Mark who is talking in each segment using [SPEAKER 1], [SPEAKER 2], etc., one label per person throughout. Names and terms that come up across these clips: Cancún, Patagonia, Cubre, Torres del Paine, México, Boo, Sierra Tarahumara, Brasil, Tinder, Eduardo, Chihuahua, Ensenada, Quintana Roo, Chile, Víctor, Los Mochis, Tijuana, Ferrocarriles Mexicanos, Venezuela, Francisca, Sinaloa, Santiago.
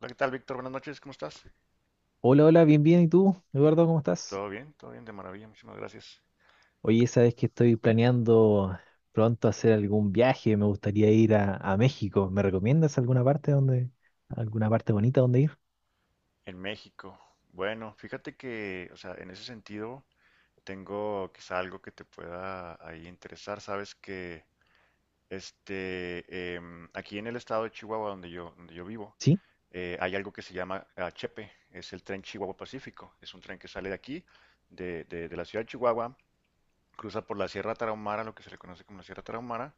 [SPEAKER 1] Hola, ¿qué tal, Víctor? Buenas noches, ¿cómo estás?
[SPEAKER 2] Hola, hola, bien, bien. ¿Y tú, Eduardo, cómo estás?
[SPEAKER 1] Todo bien, de maravilla, muchísimas gracias.
[SPEAKER 2] Oye, sabes que estoy planeando pronto hacer algún viaje. Me gustaría ir a México. ¿Me recomiendas alguna parte donde, alguna parte bonita donde ir?
[SPEAKER 1] En México. Bueno, fíjate que, o sea, en ese sentido, tengo quizá algo que te pueda ahí interesar. Sabes que, aquí en el estado de Chihuahua, donde yo vivo,
[SPEAKER 2] Sí.
[SPEAKER 1] hay algo que se llama Chepe, es el tren Chihuahua Pacífico. Es un tren que sale de aquí, de la ciudad de Chihuahua, cruza por la Sierra Tarahumara, lo que se le conoce como la Sierra Tarahumara.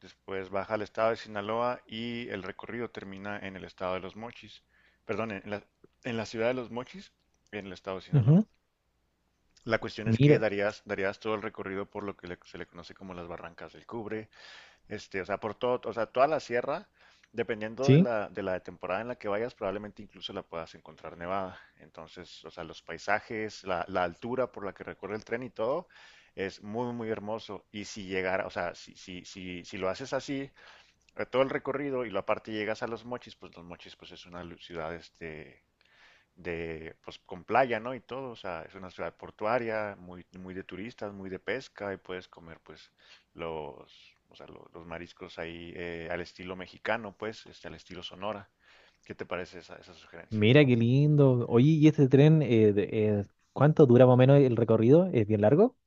[SPEAKER 1] Después baja al estado de Sinaloa y el recorrido termina en el estado de Los Mochis. Perdón, en la ciudad de Los Mochis, en el estado de Sinaloa.
[SPEAKER 2] Ujú.
[SPEAKER 1] La cuestión es que
[SPEAKER 2] Mira,
[SPEAKER 1] darías todo el recorrido por lo que se le conoce como las barrancas del Cubre, este, o sea, por todo, o sea, toda la sierra, dependiendo de
[SPEAKER 2] sí.
[SPEAKER 1] de la temporada en la que vayas, probablemente incluso la puedas encontrar nevada. Entonces, o sea, los paisajes, la altura por la que recorre el tren y todo, es muy, muy hermoso. Y si llegara, o sea, si lo haces así, todo el recorrido y la parte llegas a Los Mochis pues es una ciudad este de pues con playa, ¿no? Y todo, o sea, es una ciudad portuaria, muy muy de turistas, muy de pesca y puedes comer pues los o sea, los mariscos ahí al estilo mexicano, pues, este, al estilo Sonora. ¿Qué te parece esa sugerencia?
[SPEAKER 2] Mira qué lindo. Oye, ¿y este tren, eh, cuánto dura más o menos el recorrido? ¿Es bien largo?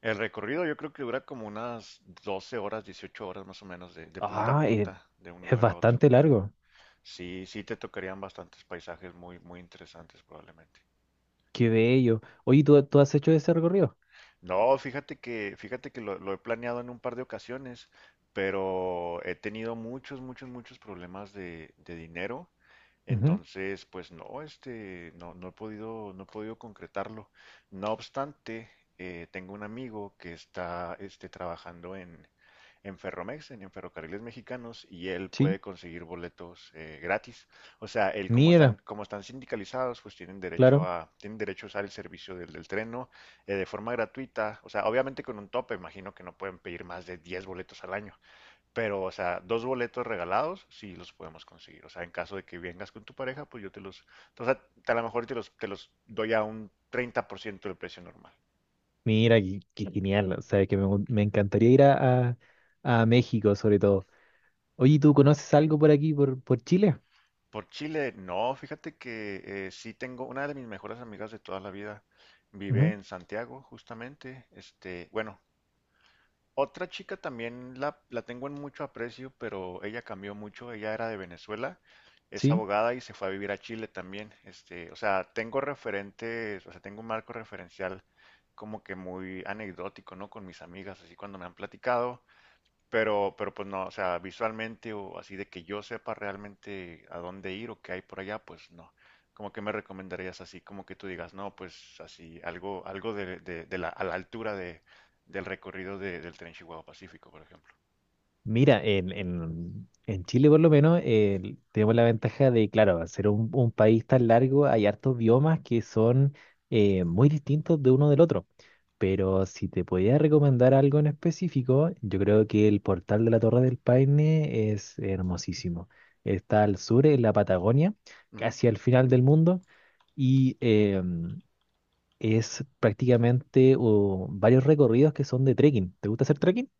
[SPEAKER 1] El recorrido yo creo que dura como unas 12 horas, 18 horas más o menos de punta a
[SPEAKER 2] Ah, eh,
[SPEAKER 1] punta, de un
[SPEAKER 2] es
[SPEAKER 1] lugar a otro.
[SPEAKER 2] bastante largo.
[SPEAKER 1] Sí, sí te tocarían bastantes paisajes muy, muy interesantes probablemente.
[SPEAKER 2] Qué bello. Oye, ¿tú has hecho ese recorrido?
[SPEAKER 1] No, fíjate que lo he planeado en un par de ocasiones, pero he tenido muchos, muchos, muchos problemas de dinero.
[SPEAKER 2] Ujú.
[SPEAKER 1] Entonces, pues no, este, no he podido, no he podido concretarlo. No obstante, tengo un amigo que está, este, trabajando en Ferromex, en Ferrocarriles Mexicanos, y él
[SPEAKER 2] Sí.
[SPEAKER 1] puede conseguir boletos gratis. O sea, él
[SPEAKER 2] Mira,
[SPEAKER 1] como están sindicalizados, pues
[SPEAKER 2] claro.
[SPEAKER 1] tienen derecho a usar el servicio del, del tren, ¿no? De forma gratuita, o sea, obviamente con un tope, imagino que no pueden pedir más de 10 boletos al año, pero, o sea, dos boletos regalados sí los podemos conseguir, o sea, en caso de que vengas con tu pareja, pues yo te los, o sea, a lo mejor te los doy a un 30% del precio normal.
[SPEAKER 2] Mira, qué, qué genial. O sea, que me encantaría ir a México sobre todo. Oye, ¿tú conoces algo por aquí, por Chile?
[SPEAKER 1] Por Chile, no, fíjate que sí tengo una de mis mejores amigas de toda la vida, vive
[SPEAKER 2] Ujú.
[SPEAKER 1] en Santiago, justamente, este, bueno, Otra chica también la tengo en mucho aprecio, pero ella cambió mucho. Ella era de Venezuela, es
[SPEAKER 2] Sí.
[SPEAKER 1] abogada y se fue a vivir a Chile también. Este, o sea, tengo referentes, o sea, tengo un marco referencial como que muy anecdótico, ¿no? Con mis amigas, así cuando me han platicado. Pero pues no, o sea, visualmente o así de que yo sepa realmente a dónde ir o qué hay por allá, pues no. Como que me recomendarías así, como que tú digas, no, pues así, algo, algo de, de la, a la altura de, del recorrido del tren Chihuahua Pacífico, por ejemplo.
[SPEAKER 2] Mira, en Chile por lo menos tenemos la ventaja de, claro, al ser un país tan largo, hay hartos biomas que son muy distintos de uno del otro. Pero si te podía recomendar algo en específico, yo creo que el portal de la Torre del Paine es hermosísimo. Está al sur, en la Patagonia,
[SPEAKER 1] Ujú.
[SPEAKER 2] casi al final del mundo, y es prácticamente varios recorridos que son de trekking. ¿Te gusta hacer trekking?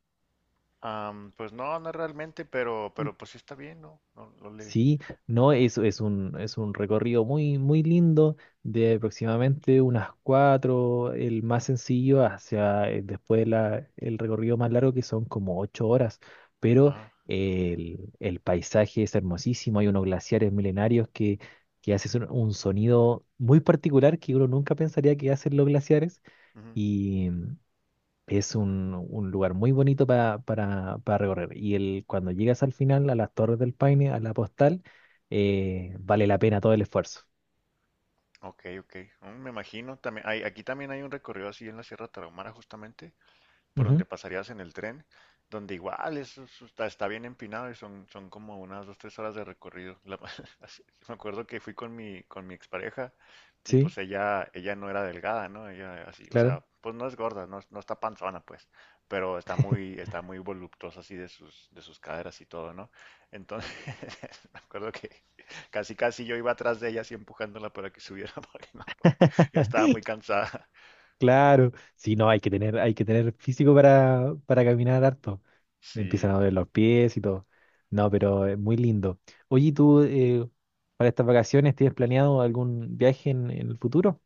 [SPEAKER 1] Am, pues no, no realmente, pero pues sí está bien, ¿no? No, no le.
[SPEAKER 2] Sí, no, es un recorrido muy, muy lindo de aproximadamente unas cuatro, el más sencillo, hacia después el recorrido más largo que son como ocho horas, pero
[SPEAKER 1] Ajá.
[SPEAKER 2] el paisaje es hermosísimo, hay unos glaciares milenarios que hacen un sonido muy particular que uno nunca pensaría que hacen los glaciares.
[SPEAKER 1] Ujú.
[SPEAKER 2] Es un lugar muy bonito para recorrer. Y el, cuando llegas al final, a las Torres del Paine, a la postal, vale la pena todo el esfuerzo.
[SPEAKER 1] Ok, ok. Mm, me imagino. También hay, aquí también hay un recorrido así en la Sierra Tarahumara, justamente, por donde
[SPEAKER 2] Ujú.
[SPEAKER 1] pasarías en el tren, donde igual está, está bien empinado y son, son como unas dos, tres horas de recorrido. La- me acuerdo que fui con mi expareja y
[SPEAKER 2] Sí,
[SPEAKER 1] pues ella no era delgada, ¿no? Ella así, o
[SPEAKER 2] claro.
[SPEAKER 1] sea, pues no es gorda, no, no está panzona, pues, pero está muy voluptuosa así de sus caderas y todo, ¿no? Entonces, me acuerdo que casi, casi yo iba atrás de ella así empujándola para que subiera porque no, ya estaba muy cansada.
[SPEAKER 2] Claro. Sí, no, hay que tener físico para caminar harto. Me empiezan
[SPEAKER 1] Sí.
[SPEAKER 2] a doler los pies y todo. No, pero es muy lindo. Oye, ¿y tú, para estas vacaciones tienes planeado algún viaje en el futuro?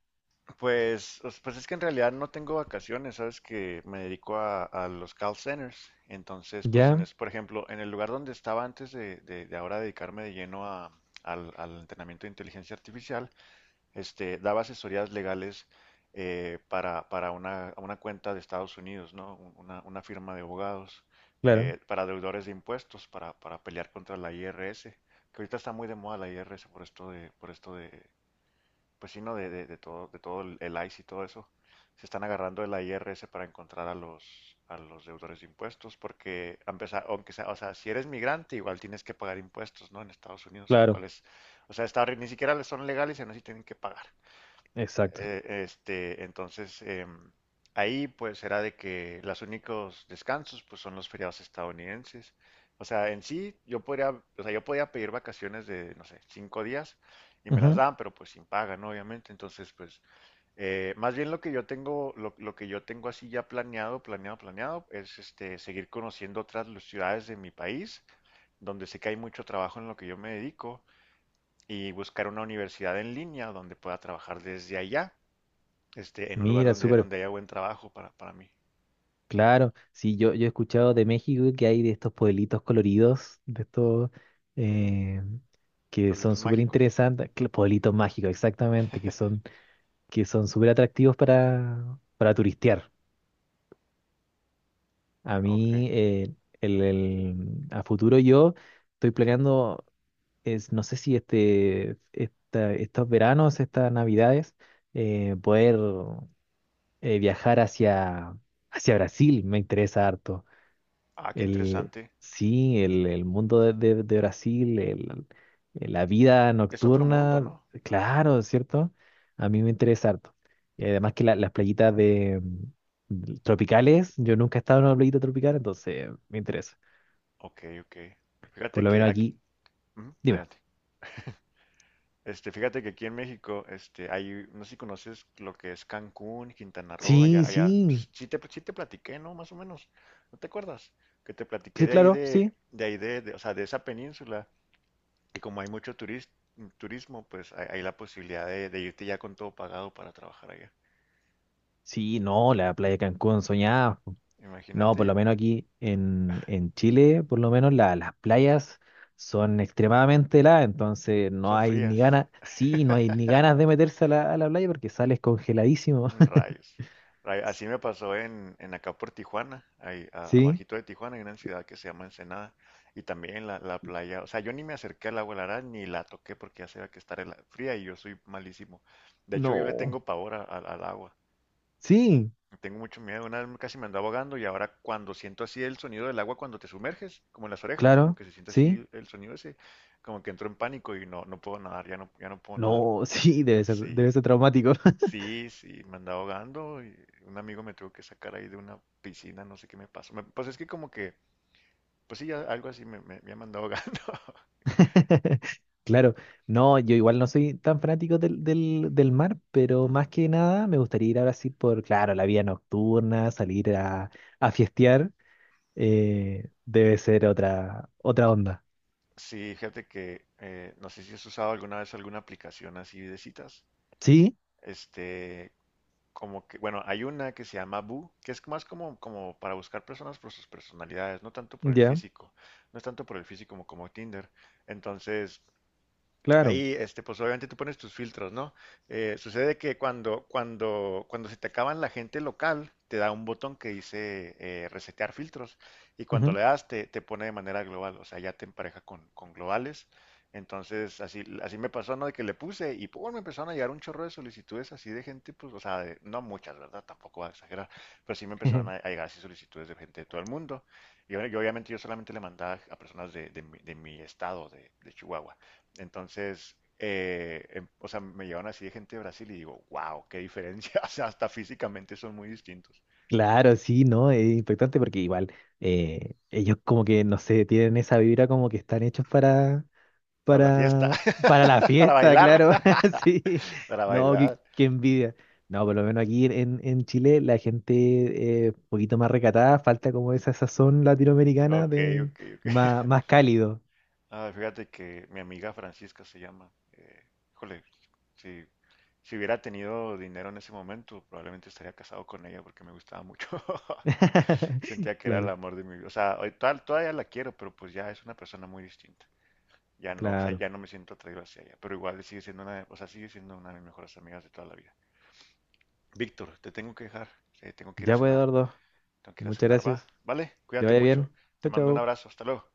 [SPEAKER 1] Pues, pues es que en realidad no tengo vacaciones, sabes que me dedico a los call centers. Entonces, pues en
[SPEAKER 2] Ya,
[SPEAKER 1] es, por ejemplo, en el lugar donde estaba antes de, de ahora dedicarme de lleno al, al entrenamiento de inteligencia artificial, este, daba asesorías legales para una cuenta de Estados Unidos, ¿no? Una firma de abogados
[SPEAKER 2] claro,
[SPEAKER 1] para deudores de impuestos, para pelear contra la IRS, que ahorita está muy de moda la IRS por esto de pues sí, ¿no? De todo el ICE y todo eso, se están agarrando de la IRS para encontrar a los deudores de impuestos, porque a empezar, aunque sea, o sea, si eres migrante, igual tienes que pagar impuestos, ¿no? En Estados Unidos, lo
[SPEAKER 2] claro,
[SPEAKER 1] cual es, o sea, está, ni siquiera son legales y aún así tienen que pagar.
[SPEAKER 2] exacto.
[SPEAKER 1] Este, entonces, em, ahí pues era de que los únicos descansos pues son los feriados estadounidenses. O sea, en sí yo podría, o sea, yo podía pedir vacaciones de, no sé, 5 días y me las
[SPEAKER 2] Ujú.
[SPEAKER 1] dan, pero pues sin paga, ¿no? Obviamente. Entonces, pues, más bien lo que yo tengo, lo que yo tengo así ya planeado, planeado, planeado, es este, seguir conociendo otras ciudades de mi país, donde sé que hay mucho trabajo en lo que yo me dedico, y buscar una universidad en línea donde pueda trabajar desde allá este, en un lugar
[SPEAKER 2] Mira,
[SPEAKER 1] donde,
[SPEAKER 2] súper.
[SPEAKER 1] donde haya buen trabajo para mí.
[SPEAKER 2] Claro, sí, yo he escuchado de México que hay de estos pueblitos coloridos, de estos
[SPEAKER 1] Ujú.
[SPEAKER 2] eh, que son
[SPEAKER 1] Pueblitos
[SPEAKER 2] súper
[SPEAKER 1] mágicos.
[SPEAKER 2] interesantes, pueblitos mágicos, exactamente, que son súper atractivos para turistear. A
[SPEAKER 1] Ok.
[SPEAKER 2] mí, a futuro yo estoy planeando, es, no sé si estos veranos, estas navidades, poder viajar hacia, hacia Brasil, me interesa harto.
[SPEAKER 1] Ah, qué
[SPEAKER 2] El,
[SPEAKER 1] interesante.
[SPEAKER 2] sí, el mundo de, de Brasil, la vida
[SPEAKER 1] Es otro mundo,
[SPEAKER 2] nocturna,
[SPEAKER 1] ¿no?
[SPEAKER 2] claro, ¿cierto? A mí me interesa harto. Y además que las playitas de, mm, tropicales, yo nunca he estado en una playita tropical, entonces me interesa.
[SPEAKER 1] Ok, ok.
[SPEAKER 2] Por
[SPEAKER 1] Fíjate
[SPEAKER 2] lo
[SPEAKER 1] que
[SPEAKER 2] menos
[SPEAKER 1] aquí,
[SPEAKER 2] aquí,
[SPEAKER 1] ujú,
[SPEAKER 2] dime.
[SPEAKER 1] adelante. Este, fíjate que aquí en México, este, hay, no sé si conoces lo que es Cancún, Quintana Roo, allá,
[SPEAKER 2] Sí,
[SPEAKER 1] allá,
[SPEAKER 2] sí,
[SPEAKER 1] pues, sí te platiqué, ¿no? Más o menos. ¿No te acuerdas? Que te platiqué
[SPEAKER 2] sí, claro, sí.
[SPEAKER 1] de ahí de, o sea, de esa península. Y como hay mucho turismo, pues hay la posibilidad de irte ya con todo pagado para trabajar allá.
[SPEAKER 2] Sí, no, la playa de Cancún soñada. No,
[SPEAKER 1] Imagínate.
[SPEAKER 2] por lo menos aquí en Chile, por lo menos las playas son extremadamente heladas, entonces no
[SPEAKER 1] Son
[SPEAKER 2] hay ni
[SPEAKER 1] frías.
[SPEAKER 2] ganas, sí, no hay ni ganas de meterse a la playa porque sales congeladísimo.
[SPEAKER 1] Rayos. Así me pasó en acá por Tijuana, ahí
[SPEAKER 2] ¿Sí?
[SPEAKER 1] abajito de Tijuana hay una ciudad que se llama Ensenada y también la playa, o sea, yo ni me acerqué al agua helada ni la toqué porque ya sabía que estar fría y yo soy malísimo. De hecho, yo le
[SPEAKER 2] No.
[SPEAKER 1] tengo pavor al agua,
[SPEAKER 2] Sí,
[SPEAKER 1] tengo mucho miedo, una vez casi me ando ahogando y ahora cuando siento así el sonido del agua cuando te sumerges, como en las orejas, como
[SPEAKER 2] claro,
[SPEAKER 1] que se siente
[SPEAKER 2] sí.
[SPEAKER 1] así el sonido ese, como que entro en pánico y no, no puedo nadar, ya no, ya no puedo nadar.
[SPEAKER 2] No, sí, debe
[SPEAKER 1] Sí.
[SPEAKER 2] ser traumático.
[SPEAKER 1] Sí, sí, me andaba ahogando y un amigo me tuvo que sacar ahí de una piscina, no sé qué me pasó. Me- pues es que como que, pues sí, ya algo así me, me, me andado ahogando.
[SPEAKER 2] Claro, no, yo igual no soy tan fanático del mar, pero
[SPEAKER 1] Ujú.
[SPEAKER 2] más que nada me gustaría ir a Brasil por, claro, la vida nocturna, salir a fiestear. Debe ser otra, otra onda.
[SPEAKER 1] Sí, fíjate que no sé si has usado alguna vez alguna aplicación así de citas.
[SPEAKER 2] Sí,
[SPEAKER 1] Este, como que, bueno, hay una que se llama Boo, que es más como, como para buscar personas por sus personalidades, no tanto por el
[SPEAKER 2] ya,
[SPEAKER 1] físico, no es tanto por el físico como, como Tinder. Entonces,
[SPEAKER 2] claro.
[SPEAKER 1] ahí, este, pues obviamente tú pones tus filtros, ¿no? Sucede que cuando se te acaban la gente local, te da un botón que dice resetear filtros y cuando
[SPEAKER 2] Ujú.
[SPEAKER 1] le das te, te pone de manera global, o sea, ya te empareja con globales. Entonces, así, así me pasó, ¿no? De que le puse y pues me empezaron a llegar un chorro de solicitudes así de gente, pues, o sea, de- no muchas, ¿verdad? Tampoco voy a exagerar, pero sí me empezaron a llegar así solicitudes de gente de todo el mundo. Y yo, obviamente yo solamente le mandaba a personas de mi estado, de Chihuahua. Entonces, o sea, me llevan así de gente de Brasil y digo, wow, qué diferencia. O sea, hasta físicamente son muy distintos.
[SPEAKER 2] Claro, sí, ¿no? Es impactante porque igual ellos como que, no sé, tienen esa vibra como que están hechos
[SPEAKER 1] Para la fiesta,
[SPEAKER 2] para la
[SPEAKER 1] para
[SPEAKER 2] fiesta,
[SPEAKER 1] bailar,
[SPEAKER 2] claro. Sí,
[SPEAKER 1] para
[SPEAKER 2] no, qué,
[SPEAKER 1] bailar.
[SPEAKER 2] qué envidia. No, por lo menos aquí en Chile la gente es un poquito más recatada, falta como esa sazón latinoamericana
[SPEAKER 1] Ok,
[SPEAKER 2] de
[SPEAKER 1] ok, ok.
[SPEAKER 2] más, más cálido.
[SPEAKER 1] Ah, fíjate que mi amiga Francisca se llama. Híjole, si, si hubiera tenido dinero en ese momento, probablemente estaría casado con ella porque me gustaba mucho. Sentía que era el
[SPEAKER 2] Claro,
[SPEAKER 1] amor de mi vida. O sea, hoy todavía la quiero, pero pues ya es una persona muy distinta. Ya no, o sea,
[SPEAKER 2] claro.
[SPEAKER 1] ya no me siento atraído hacia ella, pero igual sigue siendo una, o sea, sigue siendo una de mis mejores amigas de toda la vida. Víctor, te tengo que dejar, tengo que ir a
[SPEAKER 2] Ya pues,
[SPEAKER 1] cenar,
[SPEAKER 2] Eduardo.
[SPEAKER 1] tengo que ir a
[SPEAKER 2] Muchas
[SPEAKER 1] cenar, va,
[SPEAKER 2] gracias.
[SPEAKER 1] vale,
[SPEAKER 2] Que
[SPEAKER 1] cuídate
[SPEAKER 2] vaya
[SPEAKER 1] mucho,
[SPEAKER 2] bien.
[SPEAKER 1] te
[SPEAKER 2] Chao,
[SPEAKER 1] mando un
[SPEAKER 2] chao.
[SPEAKER 1] abrazo, hasta luego.